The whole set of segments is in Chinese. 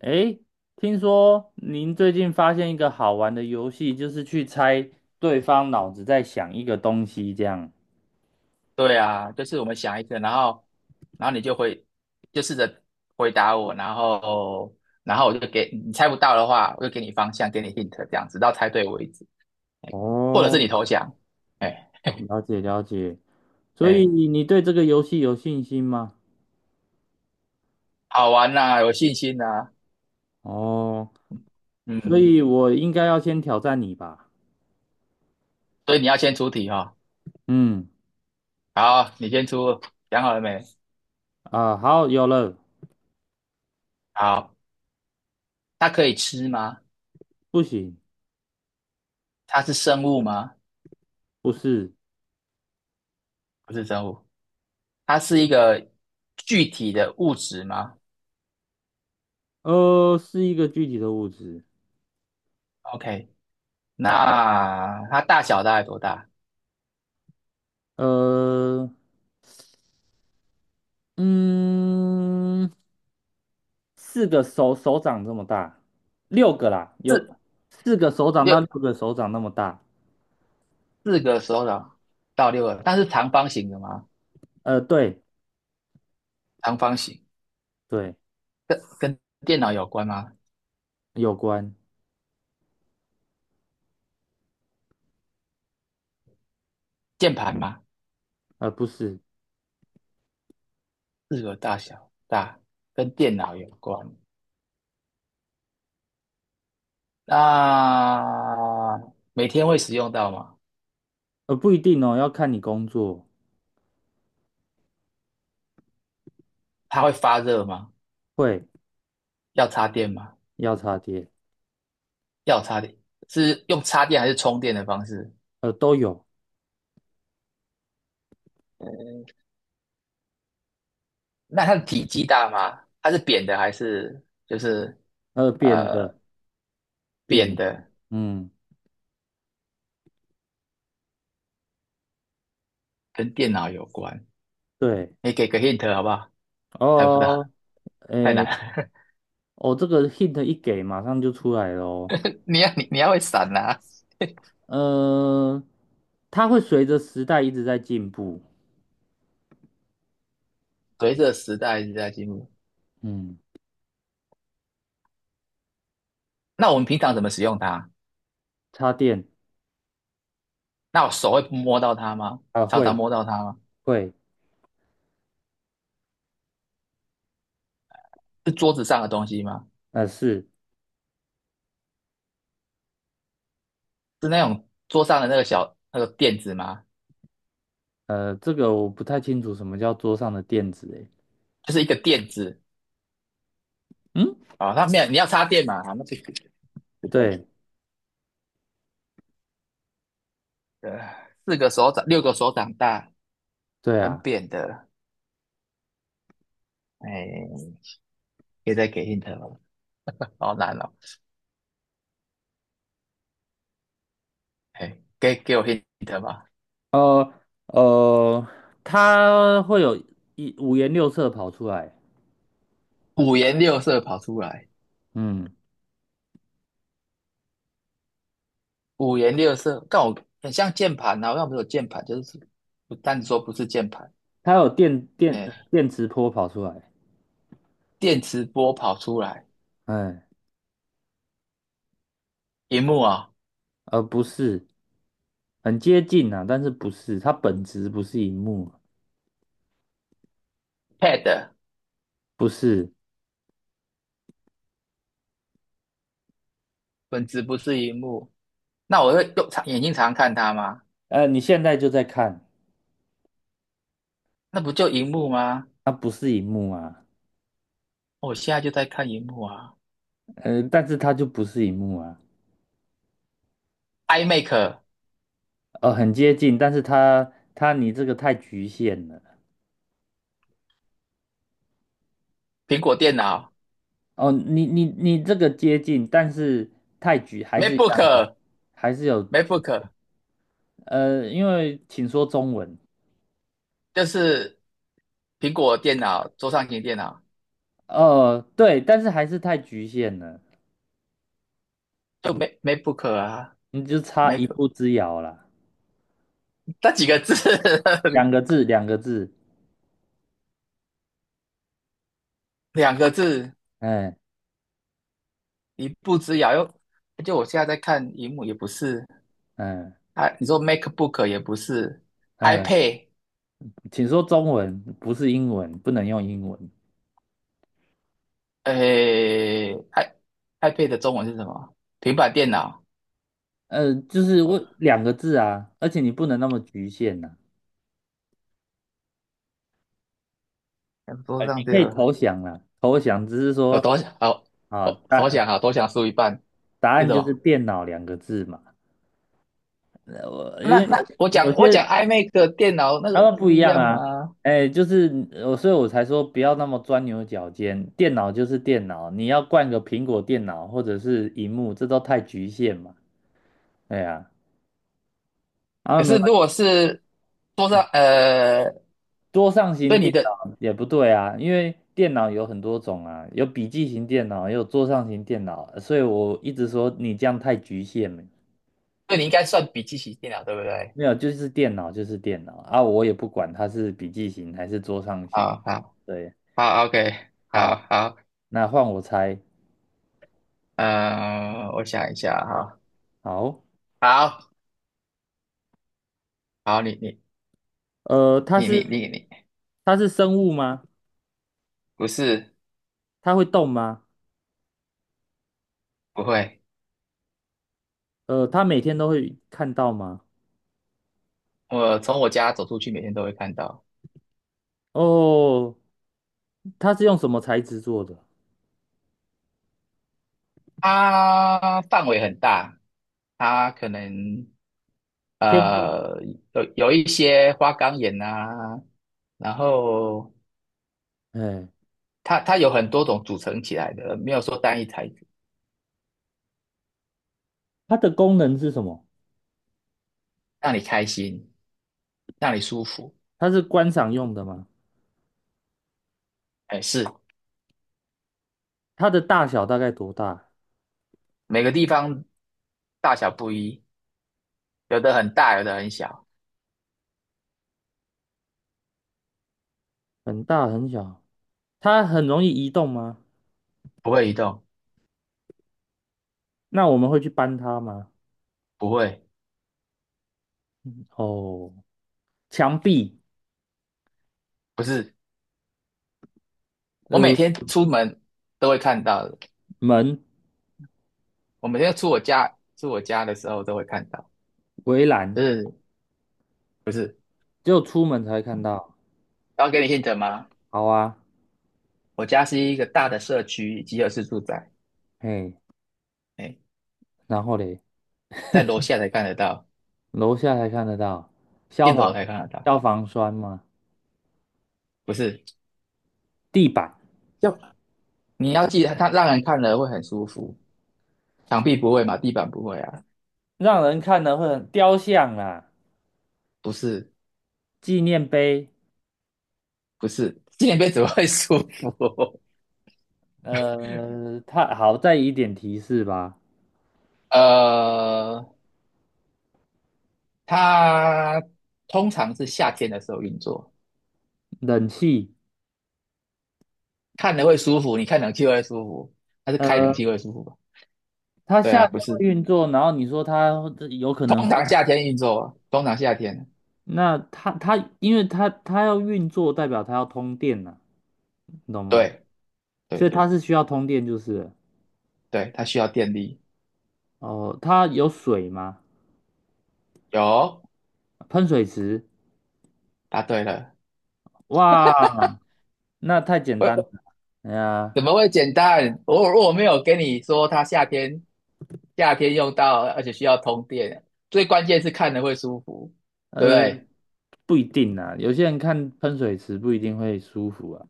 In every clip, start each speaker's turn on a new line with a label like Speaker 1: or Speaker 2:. Speaker 1: 诶，听说您最近发现一个好玩的游戏，就是去猜对方脑子在想一个东西，这样。
Speaker 2: 对啊，就是我们想一个，然后你就回，就试着回答我，然后我就给你猜不到的话，我就给你方向，给你 hint，这样子到猜对为止，哎，或者是
Speaker 1: 哦，
Speaker 2: 你投降，哎
Speaker 1: 了解了解。所以
Speaker 2: 哎，
Speaker 1: 你对这个游戏有信心吗？
Speaker 2: 好玩呐、有信心呐、
Speaker 1: 哦，所
Speaker 2: 嗯，
Speaker 1: 以我应该要先挑战你吧。
Speaker 2: 所以你要先出题哈、
Speaker 1: 嗯，
Speaker 2: 哦，好，你先出，想好了没？
Speaker 1: 啊，好，有了。
Speaker 2: 好，它可以吃吗？
Speaker 1: 不行，
Speaker 2: 它是生物吗？
Speaker 1: 不是，
Speaker 2: 不是生物，它是一个具体的物质吗
Speaker 1: 是一个具体的物质。
Speaker 2: ？OK，那它大小大概多大？
Speaker 1: 呃，嗯。四个手掌这么大，六个啦，有四个手掌到六
Speaker 2: 六
Speaker 1: 个手掌那么大。
Speaker 2: 四个手掌到六个，但是长方形的吗？
Speaker 1: 对
Speaker 2: 长方形
Speaker 1: 对，
Speaker 2: 跟电脑有关吗？
Speaker 1: 有关，
Speaker 2: 键盘吗？
Speaker 1: 不是，
Speaker 2: 四个大小大跟电脑有关。那每天会使用到吗？
Speaker 1: 不一定哦，要看你工作，
Speaker 2: 它会发热吗？
Speaker 1: 会，
Speaker 2: 要插电吗？
Speaker 1: 要插电，
Speaker 2: 要插电，是用插电还是充电的方式？
Speaker 1: 都有，
Speaker 2: 那它的体积大吗？它是扁的还是就是
Speaker 1: 呃，扁
Speaker 2: 呃
Speaker 1: 的扁
Speaker 2: 扁
Speaker 1: 的，
Speaker 2: 的？
Speaker 1: 嗯，
Speaker 2: 跟电脑有关，
Speaker 1: 对。
Speaker 2: 你给个 hint 好不好？猜不到，
Speaker 1: 哦，
Speaker 2: 太难
Speaker 1: 诶，
Speaker 2: 了。
Speaker 1: 哦，这个 hint 一给，马上就出来了哦。
Speaker 2: 你要会闪呐、
Speaker 1: 呃，它会随着时代一直在进步。
Speaker 2: 随着时代一直在进步，
Speaker 1: 嗯，
Speaker 2: 那我们平常怎么使用它？
Speaker 1: 插电
Speaker 2: 那我手会摸到它吗？
Speaker 1: 啊，
Speaker 2: 常
Speaker 1: 会
Speaker 2: 常摸到它吗？
Speaker 1: 会，
Speaker 2: 是桌子上的东西吗？
Speaker 1: 是。
Speaker 2: 是那种桌上的那个小垫子吗？
Speaker 1: 这个我不太清楚什么叫桌上的垫子诶。
Speaker 2: 就是一个垫子
Speaker 1: 嗯，
Speaker 2: 啊，它没有你要插电嘛？啊，那就不对，
Speaker 1: 对
Speaker 2: 呃，四个手掌六个手掌大，
Speaker 1: 对
Speaker 2: 很
Speaker 1: 啊，
Speaker 2: 扁的，哎，可以再给 hint 吗？好难哦，哎，给我 hint 吧，
Speaker 1: 呃呃，它会有五颜六色跑出来。
Speaker 2: 五颜六色跑出来。
Speaker 1: 嗯，
Speaker 2: 五颜六色，但我很像键盘啊，好像没有键盘，就是不但说不是键盘，
Speaker 1: 它有
Speaker 2: 哎，
Speaker 1: 电磁波跑出来。
Speaker 2: 电磁波跑出来，
Speaker 1: 哎，
Speaker 2: 荧幕啊
Speaker 1: 不是，很接近啊，但是不是它本质不是荧幕啊。
Speaker 2: ，pad，
Speaker 1: 不是，
Speaker 2: 本子不是荧幕，那我会用长眼睛常常看它吗？
Speaker 1: 你现在就在看。
Speaker 2: 那不就荧幕吗？
Speaker 1: 它不是荧幕啊。
Speaker 2: 我现在就在看荧幕啊
Speaker 1: 但是它就不是荧幕啊。
Speaker 2: ，iMac，
Speaker 1: 很接近，但是它你这个太局限了。
Speaker 2: 苹果电脑
Speaker 1: 哦，你这个接近，但是太局还是一样的，
Speaker 2: ，MacBook
Speaker 1: 还是有局。因为请说中文。
Speaker 2: 就是苹果电脑，桌上型电脑，
Speaker 1: 哦，对，但是还是太局限了。
Speaker 2: 就 Mac MacBook 啊
Speaker 1: 你就差
Speaker 2: ，Mac
Speaker 1: 一步之遥了，
Speaker 2: 那几个字，
Speaker 1: 两个字，两个字。
Speaker 2: 两个字。
Speaker 1: 嗯
Speaker 2: 一步之遥又，就我现在在看荧幕也不是，
Speaker 1: 嗯
Speaker 2: 啊，你说 MacBook 也不是
Speaker 1: 嗯，
Speaker 2: ，iPad，
Speaker 1: 请说中文，不是英文，不能用英文。
Speaker 2: 诶，iPad 的中文是什么？平板电脑，
Speaker 1: 就是我
Speaker 2: 哦
Speaker 1: 两个字啊，而且你不能那么局限呐、
Speaker 2: 桌上
Speaker 1: 你
Speaker 2: 这
Speaker 1: 可以
Speaker 2: 个，
Speaker 1: 投降啦，投降只是
Speaker 2: 我
Speaker 1: 说
Speaker 2: 多想，哦，
Speaker 1: 啊。
Speaker 2: 我多想哈，多想输一半
Speaker 1: 答
Speaker 2: 是
Speaker 1: 案
Speaker 2: 什
Speaker 1: 就是
Speaker 2: 么？
Speaker 1: 电脑两个字嘛。我因
Speaker 2: 那
Speaker 1: 为
Speaker 2: 那我
Speaker 1: 有
Speaker 2: 讲
Speaker 1: 有
Speaker 2: 我讲
Speaker 1: 些
Speaker 2: iMac 的电脑那
Speaker 1: 他
Speaker 2: 个不
Speaker 1: 们不
Speaker 2: 是
Speaker 1: 一
Speaker 2: 一
Speaker 1: 样
Speaker 2: 样
Speaker 1: 啊。
Speaker 2: 吗？
Speaker 1: 哎，就是我，所以我才说不要那么钻牛角尖。电脑就是电脑，你要灌个苹果电脑或者是荧幕，这都太局限嘛。对啊，然后
Speaker 2: 可
Speaker 1: 没
Speaker 2: 是
Speaker 1: 关
Speaker 2: 如
Speaker 1: 系。
Speaker 2: 果是桌上，
Speaker 1: 桌上
Speaker 2: 所
Speaker 1: 型
Speaker 2: 以你
Speaker 1: 电
Speaker 2: 的，
Speaker 1: 脑也不对啊，因为电脑有很多种啊，有笔记型电脑，也有桌上型电脑，所以我一直说你这样太局限了。
Speaker 2: 所以你应该算笔记型电脑对不对？
Speaker 1: 没有，就是电脑就是电脑啊，我也不管它是笔记型还是桌上型。
Speaker 2: 好好
Speaker 1: 对，
Speaker 2: 好，OK，好
Speaker 1: 好，
Speaker 2: 好。
Speaker 1: 那换我猜。
Speaker 2: 我想一下哈，
Speaker 1: 好，
Speaker 2: 好好，你你
Speaker 1: 呃，它
Speaker 2: 你你
Speaker 1: 是
Speaker 2: 你你，
Speaker 1: 它是生物吗？
Speaker 2: 不是
Speaker 1: 它会动吗？
Speaker 2: 不会，
Speaker 1: 它每天都会看到吗？
Speaker 2: 我从我家走出去，每天都会看到。
Speaker 1: 哦，它是用什么材质做的？
Speaker 2: 它范围很大，它可能
Speaker 1: 天空。
Speaker 2: 呃有一些花岗岩啊，然后
Speaker 1: 哎，
Speaker 2: 它有很多种组成起来的，没有说单一材质，
Speaker 1: 它的功能是什么？
Speaker 2: 让你开心，让你舒服。
Speaker 1: 它是观赏用的吗？
Speaker 2: 哎，是
Speaker 1: 它的大小大概多大？
Speaker 2: 每个地方大小不一，有的很大，有的很小，
Speaker 1: 很大很小。它很容易移动吗？
Speaker 2: 不会移动，
Speaker 1: 那我们会去搬它吗？
Speaker 2: 不会，
Speaker 1: 哦，墙壁，
Speaker 2: 不是。我每
Speaker 1: 嗯，
Speaker 2: 天出门都会看到的，
Speaker 1: 门，
Speaker 2: 我每天出我家的时候都会看到，
Speaker 1: 围栏，
Speaker 2: 就是不是？
Speaker 1: 只有出门才会看到。
Speaker 2: 然后给你 hint 吗？
Speaker 1: 好啊，
Speaker 2: 我家是一个大的社区集合式住宅，
Speaker 1: 嘿，
Speaker 2: 哎，
Speaker 1: 然后嘞？
Speaker 2: 在楼下才看得到，
Speaker 1: 楼下才看得到，
Speaker 2: 一
Speaker 1: 消
Speaker 2: 楼
Speaker 1: 防
Speaker 2: 才看得到，
Speaker 1: 消防栓吗？
Speaker 2: 不是？
Speaker 1: 地板
Speaker 2: 就你要记得，它让人看了会很舒服，墙壁不会嘛，地板不会啊，
Speaker 1: 让人看了会很雕像啊，
Speaker 2: 不是
Speaker 1: 纪念碑。
Speaker 2: 不是，纪念碑怎么会 舒服？
Speaker 1: 它好再一点提示吧。
Speaker 2: 呃，它通常是夏天的时候运作。
Speaker 1: 冷气。
Speaker 2: 看了会舒服，你看冷气会舒服，它是开冷
Speaker 1: 呃，
Speaker 2: 气会舒服吧？
Speaker 1: 它
Speaker 2: 对
Speaker 1: 夏
Speaker 2: 啊，
Speaker 1: 天
Speaker 2: 不是，
Speaker 1: 会运作，然后你说它这有可能
Speaker 2: 通
Speaker 1: 是
Speaker 2: 常夏天运作啊，通常夏天，
Speaker 1: 那它因为它要运作，代表它要通电呐。你懂吗？
Speaker 2: 对
Speaker 1: 所以
Speaker 2: 对
Speaker 1: 它是需要通电，就是了。
Speaker 2: 对，它需要电力。
Speaker 1: 哦，它有水吗？
Speaker 2: 有，
Speaker 1: 喷水池。
Speaker 2: 答对了。
Speaker 1: 哇，那太简单了，
Speaker 2: 会
Speaker 1: 哎呀。
Speaker 2: 怎么会简单？我没有跟你说它夏天用到，而且需要通电，最关键是看了会舒服，对不
Speaker 1: 呃，
Speaker 2: 对？
Speaker 1: 不一定啦，有些人看喷水池不一定会舒服啊。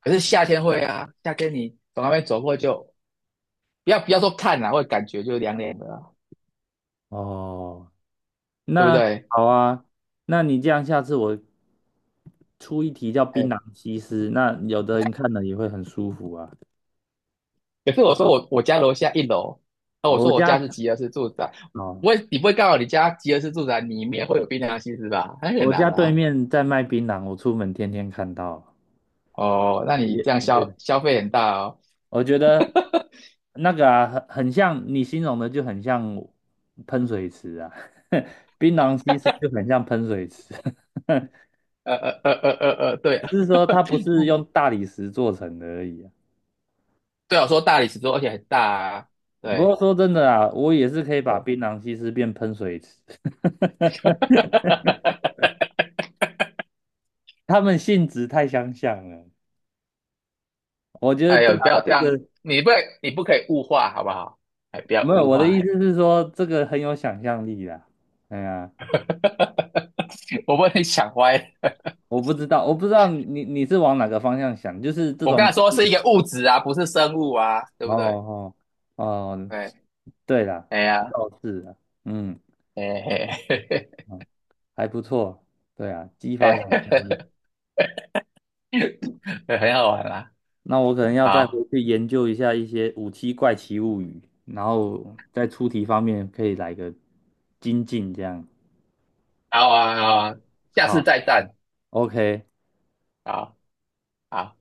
Speaker 2: 可是夏天会啊，夏天你从那边走过就不要说看啊，会感觉就凉凉的啊，
Speaker 1: 哦，
Speaker 2: 对不
Speaker 1: 那
Speaker 2: 对？
Speaker 1: 好啊，那你这样下次我出一题叫槟
Speaker 2: 哎
Speaker 1: 榔西施，那有的人看了也会很舒服啊。
Speaker 2: 可是我说我家楼下一楼，那我
Speaker 1: 我
Speaker 2: 说我家
Speaker 1: 家
Speaker 2: 是吉合式住宅，
Speaker 1: 哦，
Speaker 2: 你不会告诉我你家吉合式住宅里面会有冰凉西施吧？那很
Speaker 1: 我家
Speaker 2: 难
Speaker 1: 对
Speaker 2: 啊。
Speaker 1: 面在卖槟榔，我出门天天看到。
Speaker 2: 哦，那
Speaker 1: 也
Speaker 2: 你
Speaker 1: 也
Speaker 2: 这样消费很大哦。
Speaker 1: 我觉得那个啊，很像你形容的，就很像喷水池啊。槟榔西施就很像喷水池。
Speaker 2: 对
Speaker 1: 只是说它不是用大理石做成的而已啊。
Speaker 2: 对啊，我说大理石桌，而且很大啊。
Speaker 1: 不过
Speaker 2: 对，
Speaker 1: 说真的啊，我也是可以把槟榔西施变喷水池。他们性质太相像了。我觉
Speaker 2: 哎
Speaker 1: 得
Speaker 2: 哎
Speaker 1: 对
Speaker 2: 呦，
Speaker 1: 啊，
Speaker 2: 不要这
Speaker 1: 这
Speaker 2: 样，
Speaker 1: 个
Speaker 2: 你不你不可以物化好不好？哎，不要
Speaker 1: 没有
Speaker 2: 物
Speaker 1: 我的
Speaker 2: 化，
Speaker 1: 意
Speaker 2: 哎
Speaker 1: 思是说，这个很有想象力啦。哎呀，
Speaker 2: 我被你想歪了。
Speaker 1: 我不知道，我不知道你是往哪个方向想。就是这
Speaker 2: 我刚
Speaker 1: 种
Speaker 2: 才说是一个物质啊，不是生物啊，对
Speaker 1: 哦
Speaker 2: 不对？
Speaker 1: 哦哦，哦
Speaker 2: 对，
Speaker 1: 对啦，
Speaker 2: 哎呀。
Speaker 1: 倒是啊。嗯，
Speaker 2: 哎嘿嘿嘿嘿，
Speaker 1: 嗯还不错。对啊，激
Speaker 2: 哎，
Speaker 1: 发想
Speaker 2: 很好玩啦。
Speaker 1: 那我可能要再回
Speaker 2: 好，
Speaker 1: 去研究一下一些《五七怪奇物语》。然后在出题方面可以来个精进，这样。
Speaker 2: 好啊，好啊，下次
Speaker 1: 好
Speaker 2: 再战。
Speaker 1: ，OK，
Speaker 2: 好，好。